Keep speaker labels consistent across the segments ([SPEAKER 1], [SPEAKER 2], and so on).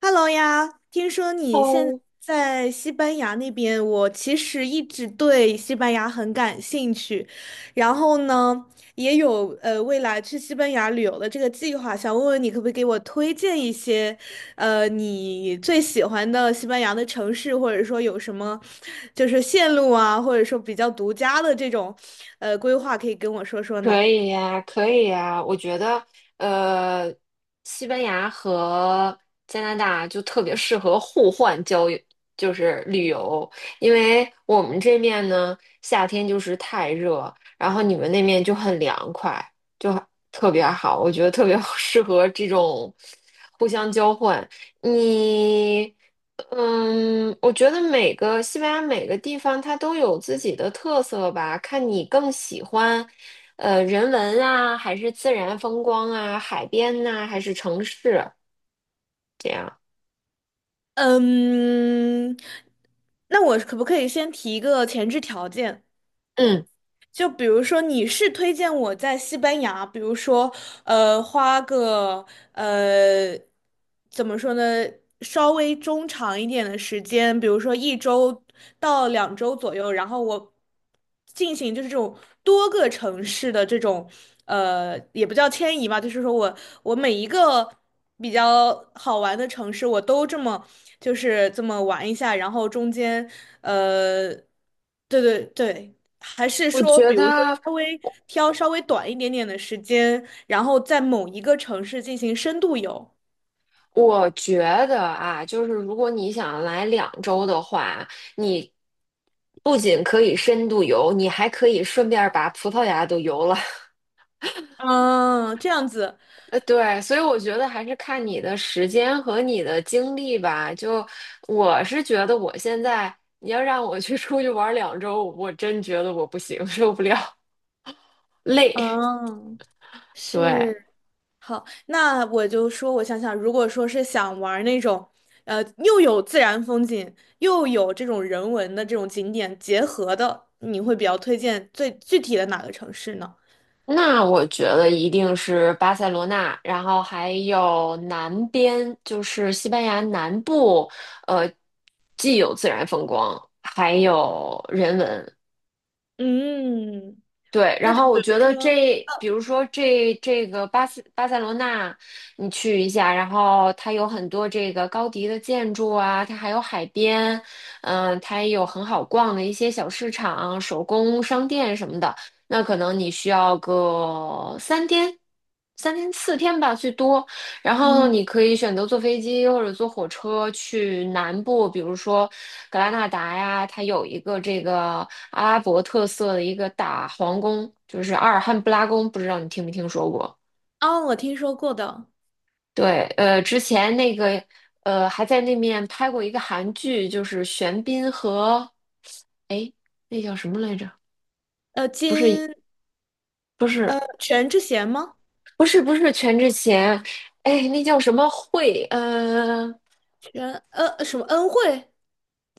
[SPEAKER 1] Hello 呀，听说你现
[SPEAKER 2] 好，
[SPEAKER 1] 在西班牙那边，我其实一直对西班牙很感兴趣，然后呢，也有未来去西班牙旅游的这个计划，想问问你可不可以给我推荐一些，呃，你最喜欢的西班牙的城市，或者说有什么就是线路啊，或者说比较独家的这种规划，可以跟我说说
[SPEAKER 2] 可
[SPEAKER 1] 呢？
[SPEAKER 2] 以呀，可以呀，我觉得，呃，西班牙和加拿大就特别适合互换交友，就是旅游。因为我们这面呢，夏天就是太热，然后你们那面就很凉快，就很特别好。我觉得特别 适合这种互相交换。你，嗯，我觉得每个西班牙每个地方它都有自己的特色吧，看你更喜欢人文啊，还是自然风光啊，海边呐、还是城市这样？
[SPEAKER 1] 嗯，那我可不可以先提一个前置条件？
[SPEAKER 2] 嗯，
[SPEAKER 1] 就比如说，你是推荐我在西班牙，比如说，呃，花个呃，怎么说呢，稍微中长一点的时间，比如说一周到两周左右，然后我进行就是这种多个城市的这种，呃，也不叫迁移吧，就是说我每一个比较好玩的城市，我都这么就是这么玩一下，然后中间，呃，对对对。还是
[SPEAKER 2] 我
[SPEAKER 1] 说，
[SPEAKER 2] 觉
[SPEAKER 1] 比如说
[SPEAKER 2] 得，
[SPEAKER 1] 稍微挑短一点点的时间，然后在某一个城市进行深度游？
[SPEAKER 2] 我觉得啊，就是如果你想来两周的话，你不仅可以深度游，你还可以顺便把葡萄牙都游了。
[SPEAKER 1] 嗯，这样子，
[SPEAKER 2] 对，所以我觉得还是看你的时间和你的精力吧。就我是觉得，我现在你要让我去出去玩儿两周，我真觉得我不行，受不了，累。
[SPEAKER 1] 嗯，
[SPEAKER 2] 对。
[SPEAKER 1] 是，好，那我就说，我想想，如果说是想玩儿那种，呃，又有自然风景，又有这种人文的这种景点结合的，你会比较推荐最具体的哪个城市呢？
[SPEAKER 2] 那我觉得一定是巴塞罗那，然后还有南边，就是西班牙南部，呃，既有自然风光，还有人文。
[SPEAKER 1] 嗯，
[SPEAKER 2] 对，
[SPEAKER 1] 那
[SPEAKER 2] 然
[SPEAKER 1] 就
[SPEAKER 2] 后
[SPEAKER 1] 比
[SPEAKER 2] 我
[SPEAKER 1] 如
[SPEAKER 2] 觉得
[SPEAKER 1] 说，
[SPEAKER 2] 这，比如说这个巴塞罗那，你去一下，然后它有很多这个高迪的建筑啊，它还有海边，嗯、它也有很好逛的一些小市场、手工商店什么的。那可能你需要个三天、3天4天吧，最多。然后
[SPEAKER 1] 嗯，
[SPEAKER 2] 你可以选择坐飞机或者坐火车去南部，比如说格拉纳达呀，它有一个这个阿拉伯特色的一个大皇宫，就是阿尔汉布拉宫，不知道你听没听说过？
[SPEAKER 1] 啊，我听说过的，
[SPEAKER 2] 对，之前那个还在那面拍过一个韩剧，就是玄彬和哎那叫什么来着？
[SPEAKER 1] 呃，金
[SPEAKER 2] 不是
[SPEAKER 1] 全智贤吗？
[SPEAKER 2] 不是不是全智贤，哎那叫什么慧？
[SPEAKER 1] 全什么恩惠？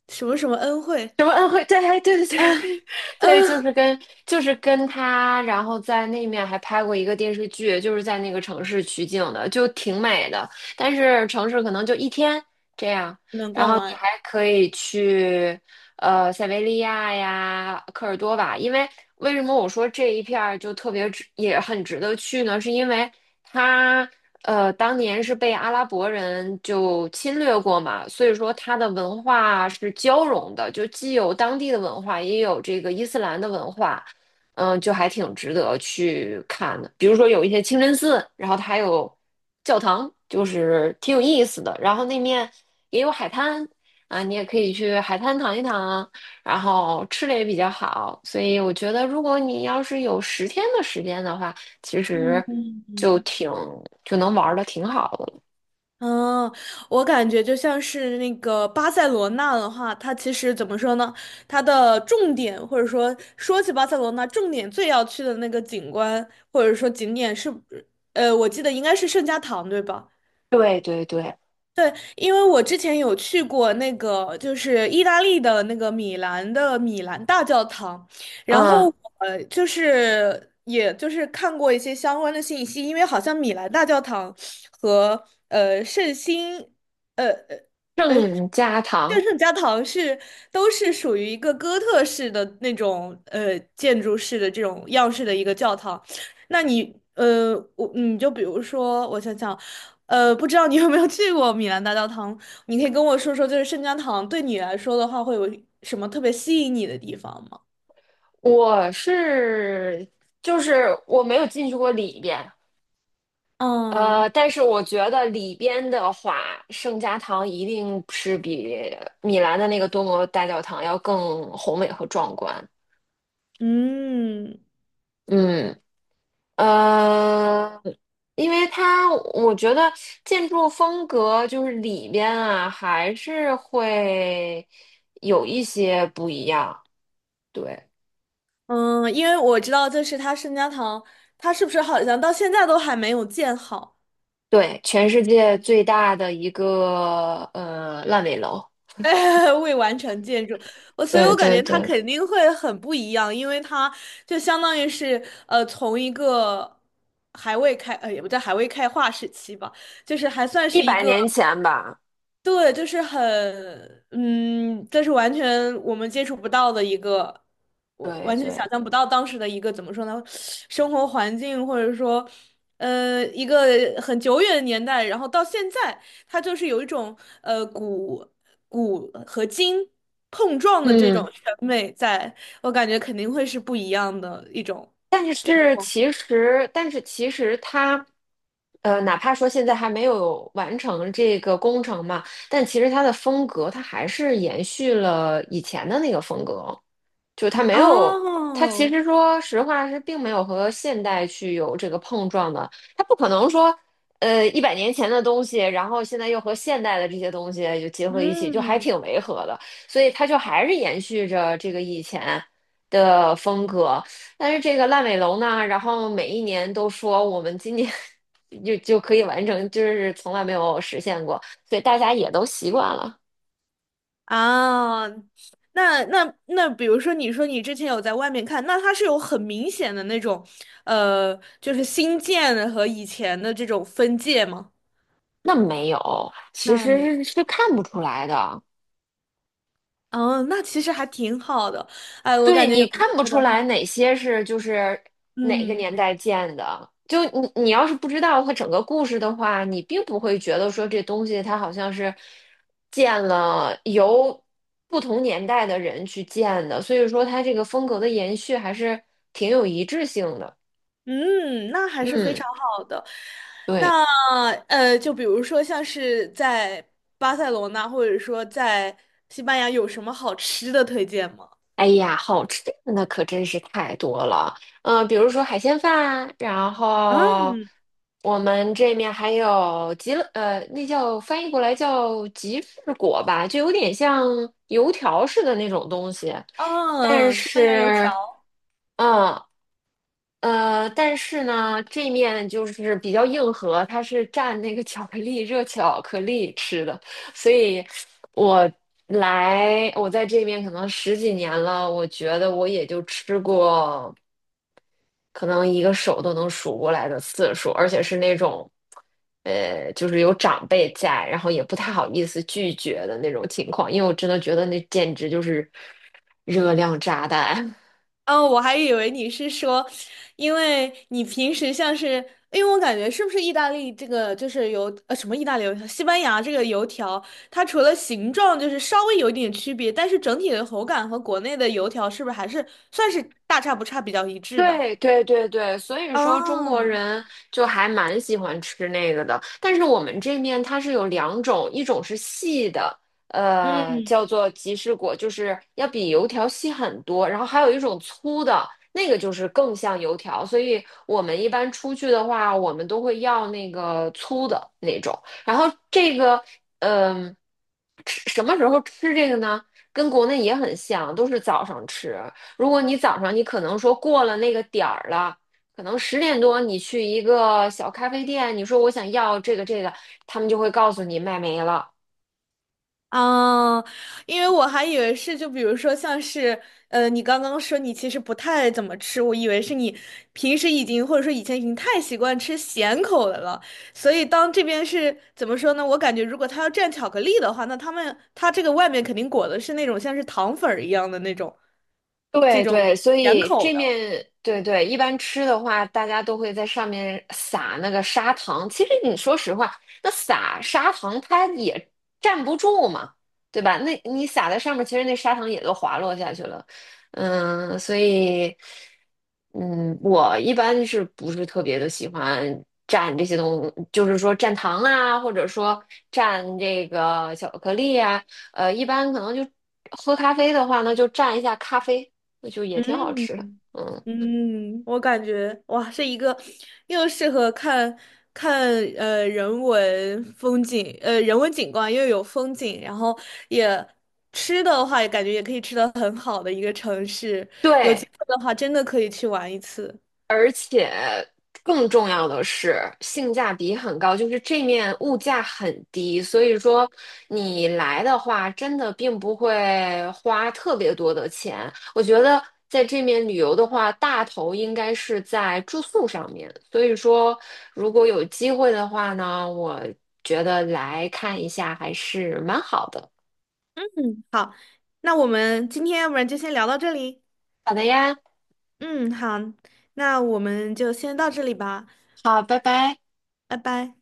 [SPEAKER 1] 什么恩惠？
[SPEAKER 2] 什么恩惠？对，对对
[SPEAKER 1] 啊，
[SPEAKER 2] 对 对，就
[SPEAKER 1] 嗯，
[SPEAKER 2] 是跟他，然后在那面还拍过一个电视剧，就是在那个城市取景的，就挺美的。但是城市可能就1天这样。
[SPEAKER 1] 能
[SPEAKER 2] 然
[SPEAKER 1] 逛
[SPEAKER 2] 后你
[SPEAKER 1] 完。
[SPEAKER 2] 还可以去塞维利亚呀、科尔多瓦，因为为什么我说这一片儿就特别值，也很值得去呢？是因为它当年是被阿拉伯人就侵略过嘛，所以说它的文化是交融的，就既有当地的文化，也有这个伊斯兰的文化。嗯，就还挺值得去看的。比如说有一些清真寺，然后它还有教堂，就是挺有意思的。然后那面也有海滩啊，你也可以去海滩躺一躺啊，然后吃的也比较好。所以我觉得，如果你要是有10天的时间的话，其实
[SPEAKER 1] 嗯嗯
[SPEAKER 2] 就
[SPEAKER 1] 嗯，
[SPEAKER 2] 挺就能玩的挺好的了。
[SPEAKER 1] 嗯，我感觉就像是那个巴塞罗那的话，它其实怎么说呢？它的重点或者说说起巴塞罗那，重点最要去的那个景观或者说景点是，呃，我记得应该是圣家堂，对吧？
[SPEAKER 2] 对对对。
[SPEAKER 1] 对，因为我之前有去过那个，就是意大利的那个米兰的米兰大教堂，然
[SPEAKER 2] 嗯，
[SPEAKER 1] 后就是也就是看过一些相关的信息，因为好像米兰大教堂和圣心，呃呃，哎，
[SPEAKER 2] 郑家堂，
[SPEAKER 1] 圣家堂是都是属于一个哥特式的那种建筑式的这种样式的一个教堂。那你你就比如说，我想想，呃，不知道你有没有去过米兰大教堂？你可以跟我说说，就是圣家堂对你来说的话，会有什么特别吸引你的地方吗？
[SPEAKER 2] 我是就是我没有进去过里边。呃，
[SPEAKER 1] 嗯
[SPEAKER 2] 但是我觉得里边的话，圣家堂一定是比米兰的那个多摩大教堂要更宏伟和壮观。
[SPEAKER 1] 嗯
[SPEAKER 2] 嗯，呃，因为它我觉得建筑风格就是里边啊，还是会有一些不一样。对
[SPEAKER 1] 嗯，因为我知道，就是它圣家堂，它是不是好像到现在都还没有建好？
[SPEAKER 2] 对，全世界最大的一个烂尾楼。
[SPEAKER 1] 未完成建筑，我所以，
[SPEAKER 2] 对
[SPEAKER 1] 我感
[SPEAKER 2] 对
[SPEAKER 1] 觉它
[SPEAKER 2] 对，
[SPEAKER 1] 肯定会很不一样，因为它就相当于是从一个还未开也不叫还未开化时期吧，就是还算
[SPEAKER 2] 一
[SPEAKER 1] 是一
[SPEAKER 2] 百
[SPEAKER 1] 个
[SPEAKER 2] 年前吧。
[SPEAKER 1] 对，就是很，嗯，这是完全我们接触不到的一个，我
[SPEAKER 2] 对
[SPEAKER 1] 完全想
[SPEAKER 2] 对，
[SPEAKER 1] 象不到当时的一个怎么说呢，生活环境或者说，呃，一个很久远的年代，然后到现在，它就是有一种呃古古和今碰撞的这
[SPEAKER 2] 嗯。
[SPEAKER 1] 种审美在，我感觉肯定会是不一样的一种
[SPEAKER 2] 但
[SPEAKER 1] 这个
[SPEAKER 2] 是
[SPEAKER 1] 风格。
[SPEAKER 2] 但是其实它，哪怕说现在还没有完成这个工程嘛，但其实它的风格，它还是延续了以前的那个风格，就它没有，它其
[SPEAKER 1] 哦，
[SPEAKER 2] 实说实话是并没有和现代去有这个碰撞的。它不可能说，一百年前的东西，然后现在又和现代的这些东西就结合一起，就还挺
[SPEAKER 1] 嗯。
[SPEAKER 2] 违和的。所以它就还是延续着这个以前的风格。但是这个烂尾楼呢，然后每一年都说我们今年 就可以完成，就是从来没有实现过，所以大家也都习惯了。
[SPEAKER 1] 啊，那，比如说，你说你之前有在外面看，那它是有很明显的那种，呃，就是新建的和以前的这种分界吗？
[SPEAKER 2] 那没有，其
[SPEAKER 1] 那没有，
[SPEAKER 2] 实是看不出来的。
[SPEAKER 1] 嗯，那其实还挺好的。哎，我感
[SPEAKER 2] 对，
[SPEAKER 1] 觉有
[SPEAKER 2] 你
[SPEAKER 1] 机
[SPEAKER 2] 看不
[SPEAKER 1] 会
[SPEAKER 2] 出
[SPEAKER 1] 的
[SPEAKER 2] 来
[SPEAKER 1] 话，
[SPEAKER 2] 哪些是哪个
[SPEAKER 1] 嗯
[SPEAKER 2] 年代建的。就你要是不知道它整个故事的话，你并不会觉得说这东西它好像是建了由不同年代的人去建的，所以说它这个风格的延续还是挺有一致性的。
[SPEAKER 1] 嗯，那还是非
[SPEAKER 2] 嗯，
[SPEAKER 1] 常好的。
[SPEAKER 2] 对。
[SPEAKER 1] 那就比如说像是在巴塞罗那，或者说在西班牙，有什么好吃的推荐吗？
[SPEAKER 2] 哎呀，好吃的那可真是太多了。嗯、比如说海鲜饭，然后
[SPEAKER 1] 嗯，
[SPEAKER 2] 我们这面还有吉乐，呃，那叫翻译过来叫吉士果吧，就有点像油条似的那种东西。
[SPEAKER 1] 嗯
[SPEAKER 2] 但
[SPEAKER 1] 嗯，西班牙油
[SPEAKER 2] 是，
[SPEAKER 1] 条。
[SPEAKER 2] 嗯但是呢，这面就是比较硬核，它是蘸那个巧克力，热巧克力吃的。所以来，我在这边可能10几年了，我觉得我也就吃过可能一个手都能数过来的次数，而且是那种，就是有长辈在，然后也不太好意思拒绝的那种情况，因为我真的觉得那简直就是热量炸弹。
[SPEAKER 1] 哦，我还以为你是说，因为你平时像是，因为我感觉是不是意大利这个就是油，呃，什么意大利油条，西班牙这个油条，它除了形状就是稍微有一点区别，但是整体的口感和国内的油条是不是还是算是大差不差，比较一致的？
[SPEAKER 2] 对对对对，所以说中国
[SPEAKER 1] 啊，
[SPEAKER 2] 人就还蛮喜欢吃那个的。但是我们这面它是有两种，一种是细的，呃，
[SPEAKER 1] 嗯，
[SPEAKER 2] 叫做吉士果，就是要比油条细很多。然后还有一种粗的，那个就是更像油条。所以我们一般出去的话，我们都会要那个粗的那种。然后这个，嗯、吃什么时候吃这个呢？跟国内也很像，都是早上吃。如果你早上你可能说过了那个点儿了，可能10点多你去一个小咖啡店，你说我想要这个，他们就会告诉你卖没了。
[SPEAKER 1] 啊，因为我还以为是，就比如说像是，呃，你刚刚说你其实不太怎么吃，我以为是你平时已经或者说以前已经太习惯吃咸口的了，所以当这边是怎么说呢？我感觉如果他要蘸巧克力的话，那他这个外面肯定裹的是那种像是糖粉儿一样的那种这
[SPEAKER 2] 对
[SPEAKER 1] 种
[SPEAKER 2] 对，所
[SPEAKER 1] 咸
[SPEAKER 2] 以
[SPEAKER 1] 口
[SPEAKER 2] 这
[SPEAKER 1] 的，
[SPEAKER 2] 面对对，一般吃的话，大家都会在上面撒那个砂糖。其实你说实话，那撒砂糖它也站不住嘛，对吧？那你撒在上面，其实那砂糖也都滑落下去了。嗯，所以，嗯，我一般是不是特别的喜欢蘸这些东西，就是说蘸糖啊，或者说蘸这个巧克力啊。一般可能就喝咖啡的话呢，就蘸一下咖啡。那就也挺好吃的。
[SPEAKER 1] 嗯。
[SPEAKER 2] 嗯，
[SPEAKER 1] 嗯，我感觉哇，是一个又适合看人文风景，人文景观又有风景，然后也吃的话，也感觉也可以吃的很好的一个城市。有机
[SPEAKER 2] 对，
[SPEAKER 1] 会的话，真的可以去玩一次。
[SPEAKER 2] 而且更重要的是性价比很高，就是这面物价很低，所以说你来的话，真的并不会花特别多的钱。我觉得在这面旅游的话，大头应该是在住宿上面，所以说如果有机会的话呢，我觉得来看一下还是蛮好的。
[SPEAKER 1] 那我们今天要不然就先聊到这里。
[SPEAKER 2] 好的呀，
[SPEAKER 1] 嗯，好，那我们就先到这里吧，
[SPEAKER 2] 好，拜拜。
[SPEAKER 1] 拜拜。